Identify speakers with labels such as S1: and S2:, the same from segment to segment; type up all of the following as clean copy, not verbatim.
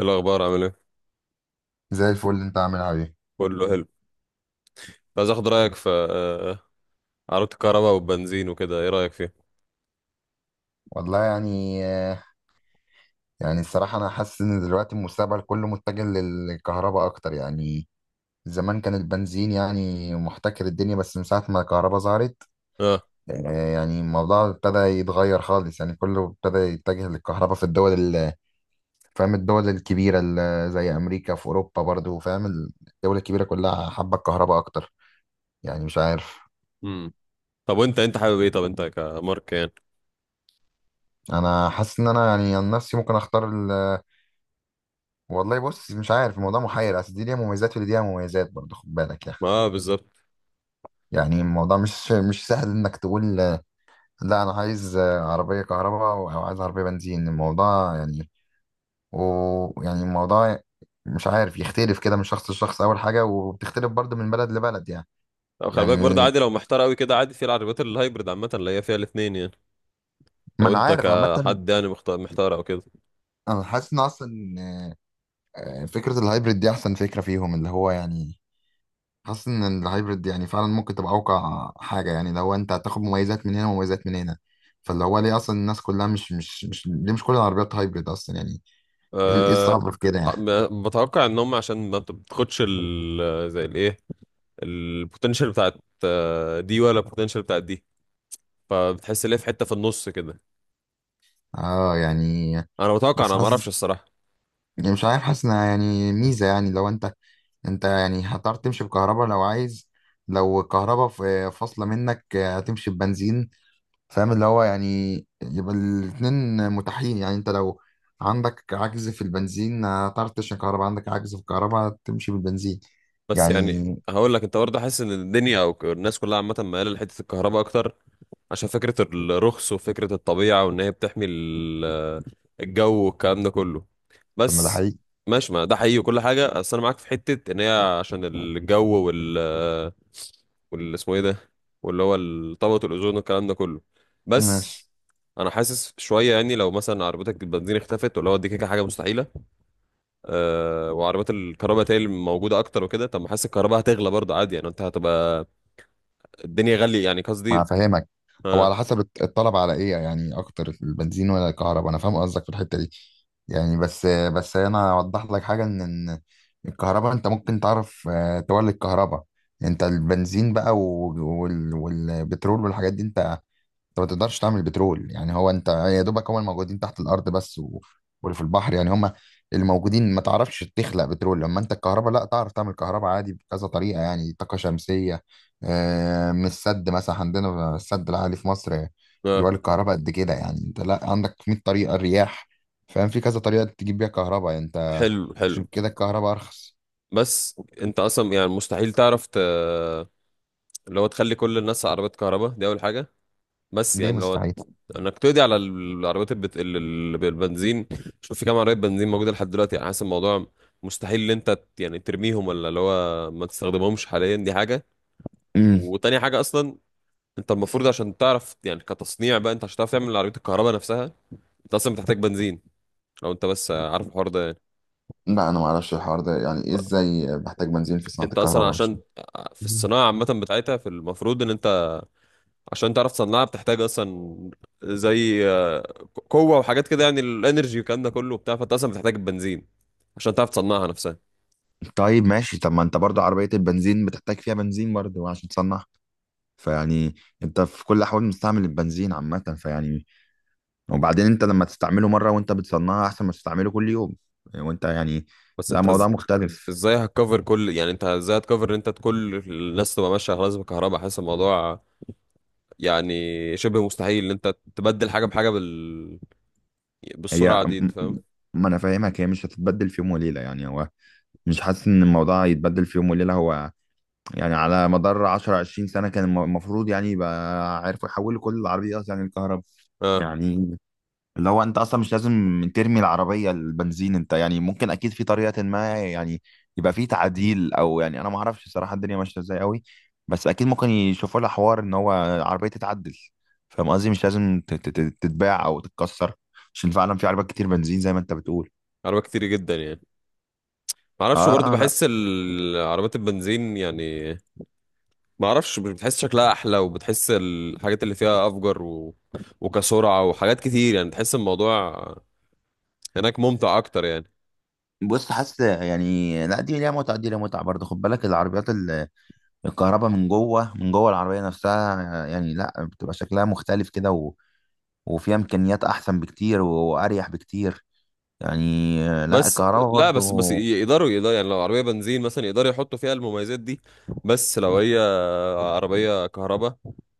S1: إيه الأخبار، عامل ايه؟
S2: زي الفل. اللي انت عاملها ايه؟
S1: كله حلو. عايز اخد رأيك في عربية الكهرباء والبنزين وكده، ايه رأيك فيها؟
S2: والله يعني، الصراحة أنا حاسس إن دلوقتي المستقبل كله متجه للكهرباء أكتر يعني. زمان كان البنزين يعني محتكر الدنيا، بس من ساعة ما الكهرباء ظهرت
S1: اه.
S2: يعني الموضوع ابتدى يتغير خالص. يعني كله ابتدى يتجه للكهرباء في فاهم؟ الدول الكبيرة زي أمريكا، في أوروبا برضو. فاهم؟ الدول الكبيرة كلها حابة الكهرباء أكتر، يعني مش عارف.
S1: امم. طب وانت حابب ايه؟ طب انت كمارك يعني؟
S2: أنا حاسس إن أنا يعني عن نفسي ممكن أختار. والله بص، مش عارف، الموضوع محير، اصل دي ليها مميزات ودي ليها مميزات برضه، خد بالك يعني.
S1: ما اه، بالظبط.
S2: يعني الموضوع مش سهل انك تقول لا انا عايز عربيه كهرباء او عايز عربيه بنزين، الموضوع يعني، ويعني الموضوع مش عارف، يختلف كده من شخص لشخص اول حاجه، وبتختلف برضه من بلد لبلد يعني.
S1: طب خلي بالك برضه،
S2: يعني
S1: عادي لو محتار قوي كده. عادي في العربيات الهايبرد عامة، اللي هي فيها الاتنين يعني.
S2: ما
S1: لو
S2: انا
S1: انت
S2: عارف عامه.
S1: كحد يعني محتار او كده.
S2: انا حاسس ان اصلا فكره الهايبريد دي احسن فكره فيهم. اللي هو يعني حاسس ان الهايبرد يعني فعلا ممكن تبقى اوقع حاجه، يعني لو انت هتاخد مميزات من هنا ومميزات من هنا. فاللي هو ليه اصلا الناس كلها مش مش مش ليه مش كل العربيات هايبرد اصلا يعني؟ إيه
S1: أه.
S2: الصعب في كده يعني؟
S1: بتوقع ان هم عشان ما بت- بتاخدش ال زي الايه، البوتنشال بتاعت دي ولا البوتنشال بتاعت دي. فبتحس ان هي في حتة في النص كده.
S2: اه يعني
S1: انا بتوقع،
S2: بس
S1: انا ما
S2: حاسس،
S1: اعرفش الصراحة.
S2: يعني مش عارف، حاسس انها يعني ميزه. يعني لو انت يعني هتعرف تمشي بكهرباء لو عايز، لو الكهرباء فاصله منك هتمشي ببنزين. فاهم؟ اللي هو يعني يبقى الاتنين متاحين، يعني انت لو عندك عجز في البنزين هتعرف تشحن كهرباء، عندك عجز في الكهرباء تمشي بالبنزين
S1: بس يعني
S2: يعني.
S1: هقول لك، انت برضه حاسس ان الدنيا او الناس كلها عامه مايله لحته الكهرباء اكتر، عشان فكره الرخص وفكره الطبيعه وان هي بتحمي الجو والكلام ده كله.
S2: طب ما ده
S1: بس
S2: حقيقي.
S1: ماشي، ما ده حقيقي وكل حاجه. بس انا معاك في حته ان هي عشان الجو وال اسمه ايه ده، واللي هو طبقه الاوزون والكلام ده كله. بس
S2: ماشي.
S1: انا حاسس شويه يعني، لو مثلا عربيتك البنزين اختفت، واللي هو دي كده حاجه مستحيله، وعربيات الكهرباء تالي موجوده اكتر وكده. طب ما حاسس الكهرباء هتغلى برضه، عادي يعني انت هتبقى الدنيا غاليه، يعني
S2: ما
S1: قصدي.
S2: فاهمك. هو
S1: اه.
S2: على حسب الطلب على ايه يعني اكتر، البنزين ولا الكهرباء. انا فاهم قصدك في الحتة دي يعني، بس انا اوضح لك حاجة، ان الكهرباء انت ممكن تعرف تولد كهرباء. انت البنزين بقى والبترول والحاجات دي، انت ما تقدرش تعمل بترول، يعني هو انت يا دوبك هم الموجودين تحت الارض بس، و... واللي في البحر يعني، هم اللي موجودين، ما تعرفش تخلق بترول. لما انت الكهرباء لا، تعرف تعمل كهرباء عادي بكذا طريقه، يعني طاقه شمسيه، من السد مثلا، عندنا السد العالي في مصر
S1: اه،
S2: بيولد الكهرباء قد كده. يعني انت لا عندك 100 طريقه، الرياح، فاهم؟ في كذا طريقه تجيب بيها كهرباء يعني انت.
S1: حلو حلو.
S2: عشان كده الكهرباء ارخص.
S1: بس انت اصلا يعني مستحيل تعرف ت... اللي هو تخلي كل الناس عربيات كهرباء، دي اول حاجه. بس
S2: ليه
S1: يعني لو
S2: مستحيل؟
S1: انك تقضي على العربيات بالبنزين. شوف في كام عربيه بنزين موجوده لحد دلوقتي، يعني حاسس الموضوع مستحيل ان انت يعني ترميهم، ولا اللي هو ما تستخدمهمش حاليا، دي حاجه.
S2: امم.
S1: وتاني حاجه اصلا، انت المفروض عشان تعرف يعني كتصنيع بقى، انت عشان تعرف تعمل عربية الكهرباء نفسها، انت اصلا بتحتاج بنزين. لو انت بس عارف الحوار ده يعني.
S2: لا انا ما اعرفش الحوار ده يعني ايه، ازاي بحتاج بنزين في صناعه
S1: انت اصلا
S2: الكهرباء؟ مش
S1: عشان في الصناعة عامة بتاعتها، في المفروض ان انت عشان تعرف تصنعها بتحتاج اصلا زي قوة وحاجات كده يعني، الانرجي والكلام ده كله وبتاع، فانت اصلا بتحتاج البنزين عشان تعرف تصنعها نفسها.
S2: طيب. ماشي، طب ما انت برضو عربية البنزين بتحتاج فيها بنزين برضو عشان تصنعها، فيعني انت في كل الاحوال مستعمل البنزين عامة. فيعني وبعدين انت لما تستعمله مرة وانت بتصنعها احسن ما تستعمله كل يوم. وانت يعني
S1: بس
S2: لا،
S1: انت
S2: موضوع مختلف.
S1: ازاي هتكفر كل، يعني انت ازاي هتكفر ان انت كل الناس تبقى ماشية خلاص بالكهرباء؟ حاسس الموضوع يعني شبه مستحيل ان انت تبدل حاجة بحاجة بال...
S2: هي
S1: بالسرعة دي، انت
S2: م- م-
S1: فاهم.
S2: ما انا فاهمك، هي مش هتتبدل في يوم وليلة يعني. هو مش حاسس ان الموضوع يتبدل في يوم وليلة. هو يعني على مدار 10 20 سنة كان المفروض يعني يبقى عارفوا يحولوا كل العربيات يعني الكهرباء.
S1: اه.
S2: يعني اللي هو انت اصلا مش لازم ترمي العربيه البنزين، انت يعني ممكن اكيد في طريقه ما يعني يبقى في تعديل، او يعني انا ما اعرفش صراحه الدنيا ماشيه ازاي قوي، بس اكيد ممكن يشوفوا لها حوار ان هو العربيه تتعدل. فاهم قصدي؟ مش لازم تتباع او تتكسر، عشان فعلا في عربيات كتير بنزين زي ما انت بتقول.
S1: عربيات كتير جدا يعني. ما اعرفش برضه،
S2: اه لا.
S1: بحس عربيات البنزين يعني، ما اعرفش، مش بتحس شكلها احلى؟ وبتحس الحاجات اللي فيها افجر و... وكسرعه وحاجات كتير، يعني تحس الموضوع هناك ممتع اكتر يعني.
S2: بص حاسس يعني لا دي ليها متعه، دي ليها متعه برضه، خد بالك. العربيات الكهرباء من جوه العربيه نفسها، يعني لا بتبقى شكلها مختلف كده وفيها امكانيات احسن بكتير واريح بكتير، يعني لا
S1: بس
S2: الكهرباء
S1: لا، بس
S2: برضو.
S1: يقدروا يعني لو عربيه بنزين مثلا يقدروا يحطوا فيها المميزات دي. بس لو هي عربية كهرباء،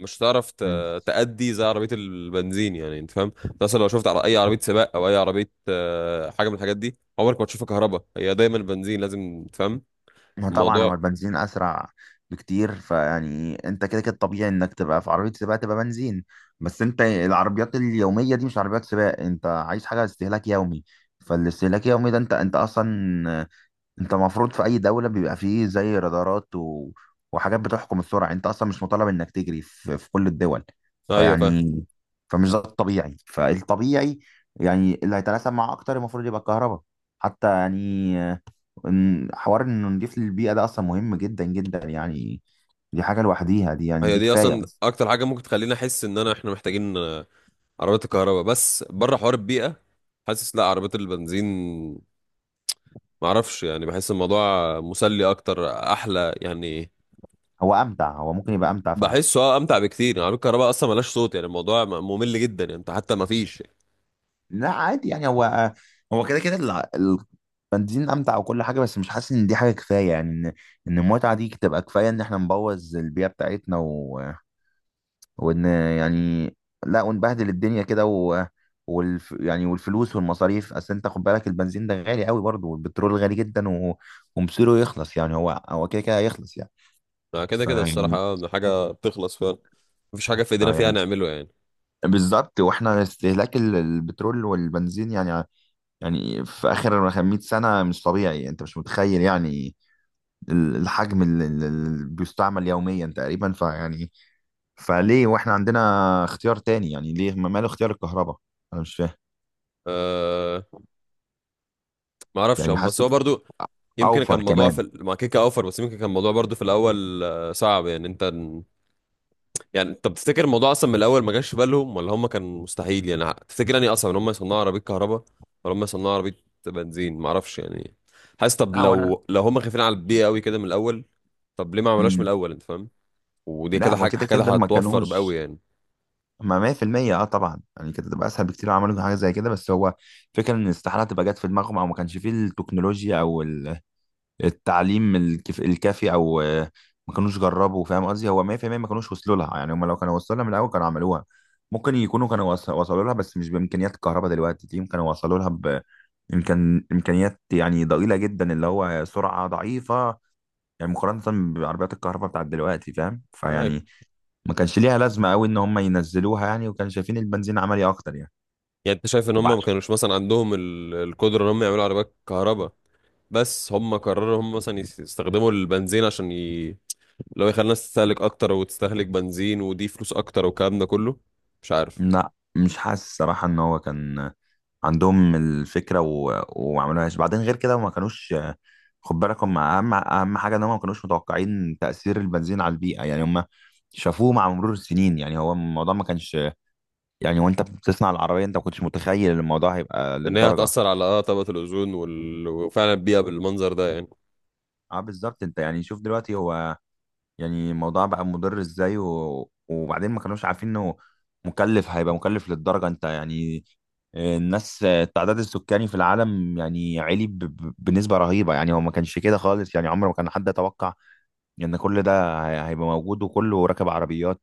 S1: مش هتعرف
S2: مم.
S1: تأدي زي عربية البنزين، يعني انت فاهم. انت مثلا لو شفت على اي عربية سباق او اي عربية، حاجة من الحاجات دي، عمرك ما تشوفها كهرباء، هي دايما بنزين، لازم تفهم
S2: ما طبعا هو
S1: الموضوع.
S2: البنزين اسرع بكتير، فيعني انت كده كده طبيعي انك تبقى في عربيه سباق تبقى بنزين، بس انت العربيات اليوميه دي مش عربيات سباق. انت عايز حاجه استهلاك يومي، فالاستهلاك اليومي ده انت اصلا، انت المفروض في اي دولة بيبقى فيه زي رادارات و... وحاجات بتحكم السرعة، انت اصلا مش مطالب انك تجري في كل الدول.
S1: ايوه، فاهم.
S2: فيعني فمش ده الطبيعي، فالطبيعي يعني اللي هيتلاشى اكتر المفروض يبقى الكهرباء. حتى يعني حوار انه نضيف للبيئة ده اصلا مهم جدا جدا يعني، دي حاجة لوحديها دي، يعني
S1: هي
S2: دي
S1: دي
S2: كفاية
S1: اصلا
S2: اصلا.
S1: اكتر حاجة ممكن تخليني احس ان احنا محتاجين عربيات الكهرباء، بس بره حوار البيئة. حاسس لا، عربيات البنزين، معرفش يعني، بحس الموضوع مسلي اكتر، احلى يعني.
S2: هو امتع، هو ممكن يبقى امتع.
S1: بحسه اه امتع بكتير يعني. عربية الكهرباء اصلا ملهاش صوت، يعني الموضوع ممل جدا، يعني انت حتى ما فيش.
S2: لا عادي يعني، هو هو كده كده البنزين امتع وكل حاجه، بس مش حاسس ان دي حاجه كفايه، يعني ان المتعه دي تبقى كفايه ان احنا نبوظ البيئه بتاعتنا، و... وان يعني لا، ونبهدل الدنيا كده، و... يعني والفلوس والمصاريف. اصل انت خد بالك البنزين ده غالي قوي برضه، والبترول غالي جدا، و... ومصيره يخلص، يعني هو هو كده كده هيخلص يعني.
S1: ما كده كده، الصراحة
S2: فيعني
S1: حاجة بتخلص فعلا، مفيش حاجة في ايدينا فيها
S2: فيعني
S1: نعمله يعني.
S2: بالظبط. واحنا استهلاك البترول والبنزين يعني، يعني في اخر 100 سنه مش طبيعي، انت مش متخيل يعني الحجم اللي بيستعمل يوميا تقريبا، فيعني فليه واحنا عندنا اختيار تاني، يعني ليه ماله اختيار الكهرباء؟ انا مش فاهم.
S1: أه. ما اعرفش،
S2: يعني
S1: بس
S2: حاسس
S1: هو برضو يمكن كان
S2: اوفر
S1: الموضوع في
S2: كمان.
S1: مع كيكا اوفر. بس يمكن كان الموضوع برضو في الاول صعب، يعني انت. يعني انت بتفتكر الموضوع اصلا من الاول ما جاش في بالهم، ولا هم كان مستحيل يعني تفتكر يعني اصلا ان هم يصنعوا عربية كهرباء ولا هم يصنعوا عربية بنزين؟ ما اعرفش يعني. حاسس طب
S2: لا وانا
S1: لو هم خايفين على البيئة قوي كده من الاول، طب ليه ما عملوش من
S2: مم.
S1: الاول، انت فاهم؟ ودي
S2: لا
S1: كده
S2: هو
S1: حاجة
S2: كده
S1: كده
S2: كده ما
S1: هتوفر بقوي
S2: كانوش.
S1: يعني.
S2: ما 100% اه طبعا، يعني كده تبقى اسهل بكتير لو عملوا حاجه زي كده، بس هو فكره ان استحاله تبقى جت في دماغهم، او ما كانش فيه التكنولوجيا او ال التعليم الكافي، او ما كانوش جربوا. فاهم قصدي؟ هو 100% ما كانوش وصلوا لها، يعني هم لو كانوا وصلوا لها من الاول كانوا عملوها. ممكن يكونوا كانوا وصلوا لها، بس مش بامكانيات الكهرباء دلوقتي دي كانوا وصلوا لها. امكانيات يعني ضئيله جدا، اللي هو سرعه ضعيفه، يعني مقارنه بعربيات الكهرباء بتاعت دلوقتي. فاهم؟
S1: طيب.
S2: فيعني ما كانش ليها لازمه قوي ان هم ينزلوها يعني، وكانوا شايفين البنزين عملي اكتر يعني.
S1: يعني انت شايف ان هم ما
S2: وبع-
S1: كانوش مثلا عندهم القدره ان هم يعملوا عربيات كهرباء؟ بس هم قرروا هم مثلا يستخدموا البنزين عشان ي... لو يخلي الناس تستهلك اكتر وتستهلك بنزين، ودي فلوس اكتر والكلام ده كله، مش عارف.
S2: لا مش حاسس صراحة ان هو كان عندهم الفكره و... وما عملوهاش، بعدين غير كده ما كانوش. خد بالك هم اهم حاجه ان هم ما كانوش متوقعين تاثير البنزين على البيئه، يعني هم شافوه مع مرور السنين. يعني هو الموضوع ما كانش يعني، وانت بتصنع العربيه انت ما كنتش متخيل الموضوع هيبقى
S1: ان هي
S2: للدرجه.
S1: هتاثر على اه طبقه الاوزون وفعلا البيئه بالمنظر ده يعني.
S2: اه بالظبط. انت يعني شوف دلوقتي، هو يعني الموضوع بقى مضر ازاي، و... وبعدين ما كانوش عارفين انه مكلف، هيبقى مكلف للدرجة. انت يعني الناس التعداد السكاني في العالم يعني عالي بنسبة رهيبة، يعني هو ما كانش كده خالص يعني. عمر ما كان حد يتوقع ان كل ده هيبقى موجود وكله راكب عربيات.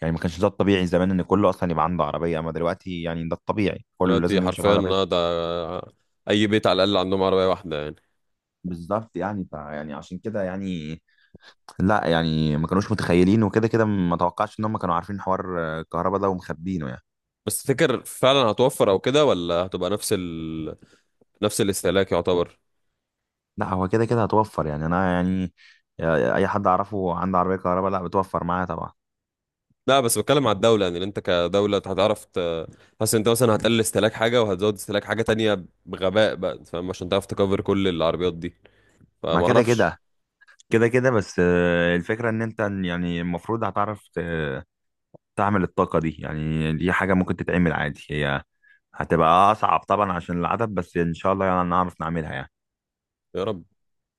S2: يعني ما كانش ده الطبيعي زمان، ان كله اصلا يبقى عنده عربية، اما دلوقتي يعني ده الطبيعي، كله
S1: دلوقتي
S2: لازم يمشي
S1: حرفيا
S2: بعربية.
S1: اه ده، اي بيت على الاقل عندهم عربيه واحده يعني.
S2: بالظبط يعني، ف يعني عشان كده يعني لا، يعني ما كانوش متخيلين، وكده كده ما توقعش ان هم كانوا عارفين حوار الكهرباء ده ومخبينه يعني.
S1: بس تفتكر فعلا هتوفر او كده، ولا هتبقى نفس ال... نفس الاستهلاك يعتبر؟
S2: لا هو كده كده هتوفر يعني انا يعني اي حد اعرفه عنده عربية كهرباء لا بتوفر معاه طبعا.
S1: لا، بس بتكلم على الدولة، يعني انت كدولة هتعرف حاسس انت مثلا هتقلل استهلاك حاجة وهتزود استهلاك حاجة تانية بغباء بقى، فاهم، عشان تعرف تكفر كل العربيات دي.
S2: ما
S1: فما
S2: كده
S1: اعرفش.
S2: كده كده كده، بس الفكرة ان انت يعني المفروض هتعرف تعمل الطاقة دي، يعني دي حاجة ممكن تتعمل عادي. هي هتبقى اصعب طبعا عشان العدد، بس ان شاء الله يعني نعرف نعملها يعني.
S1: يا رب.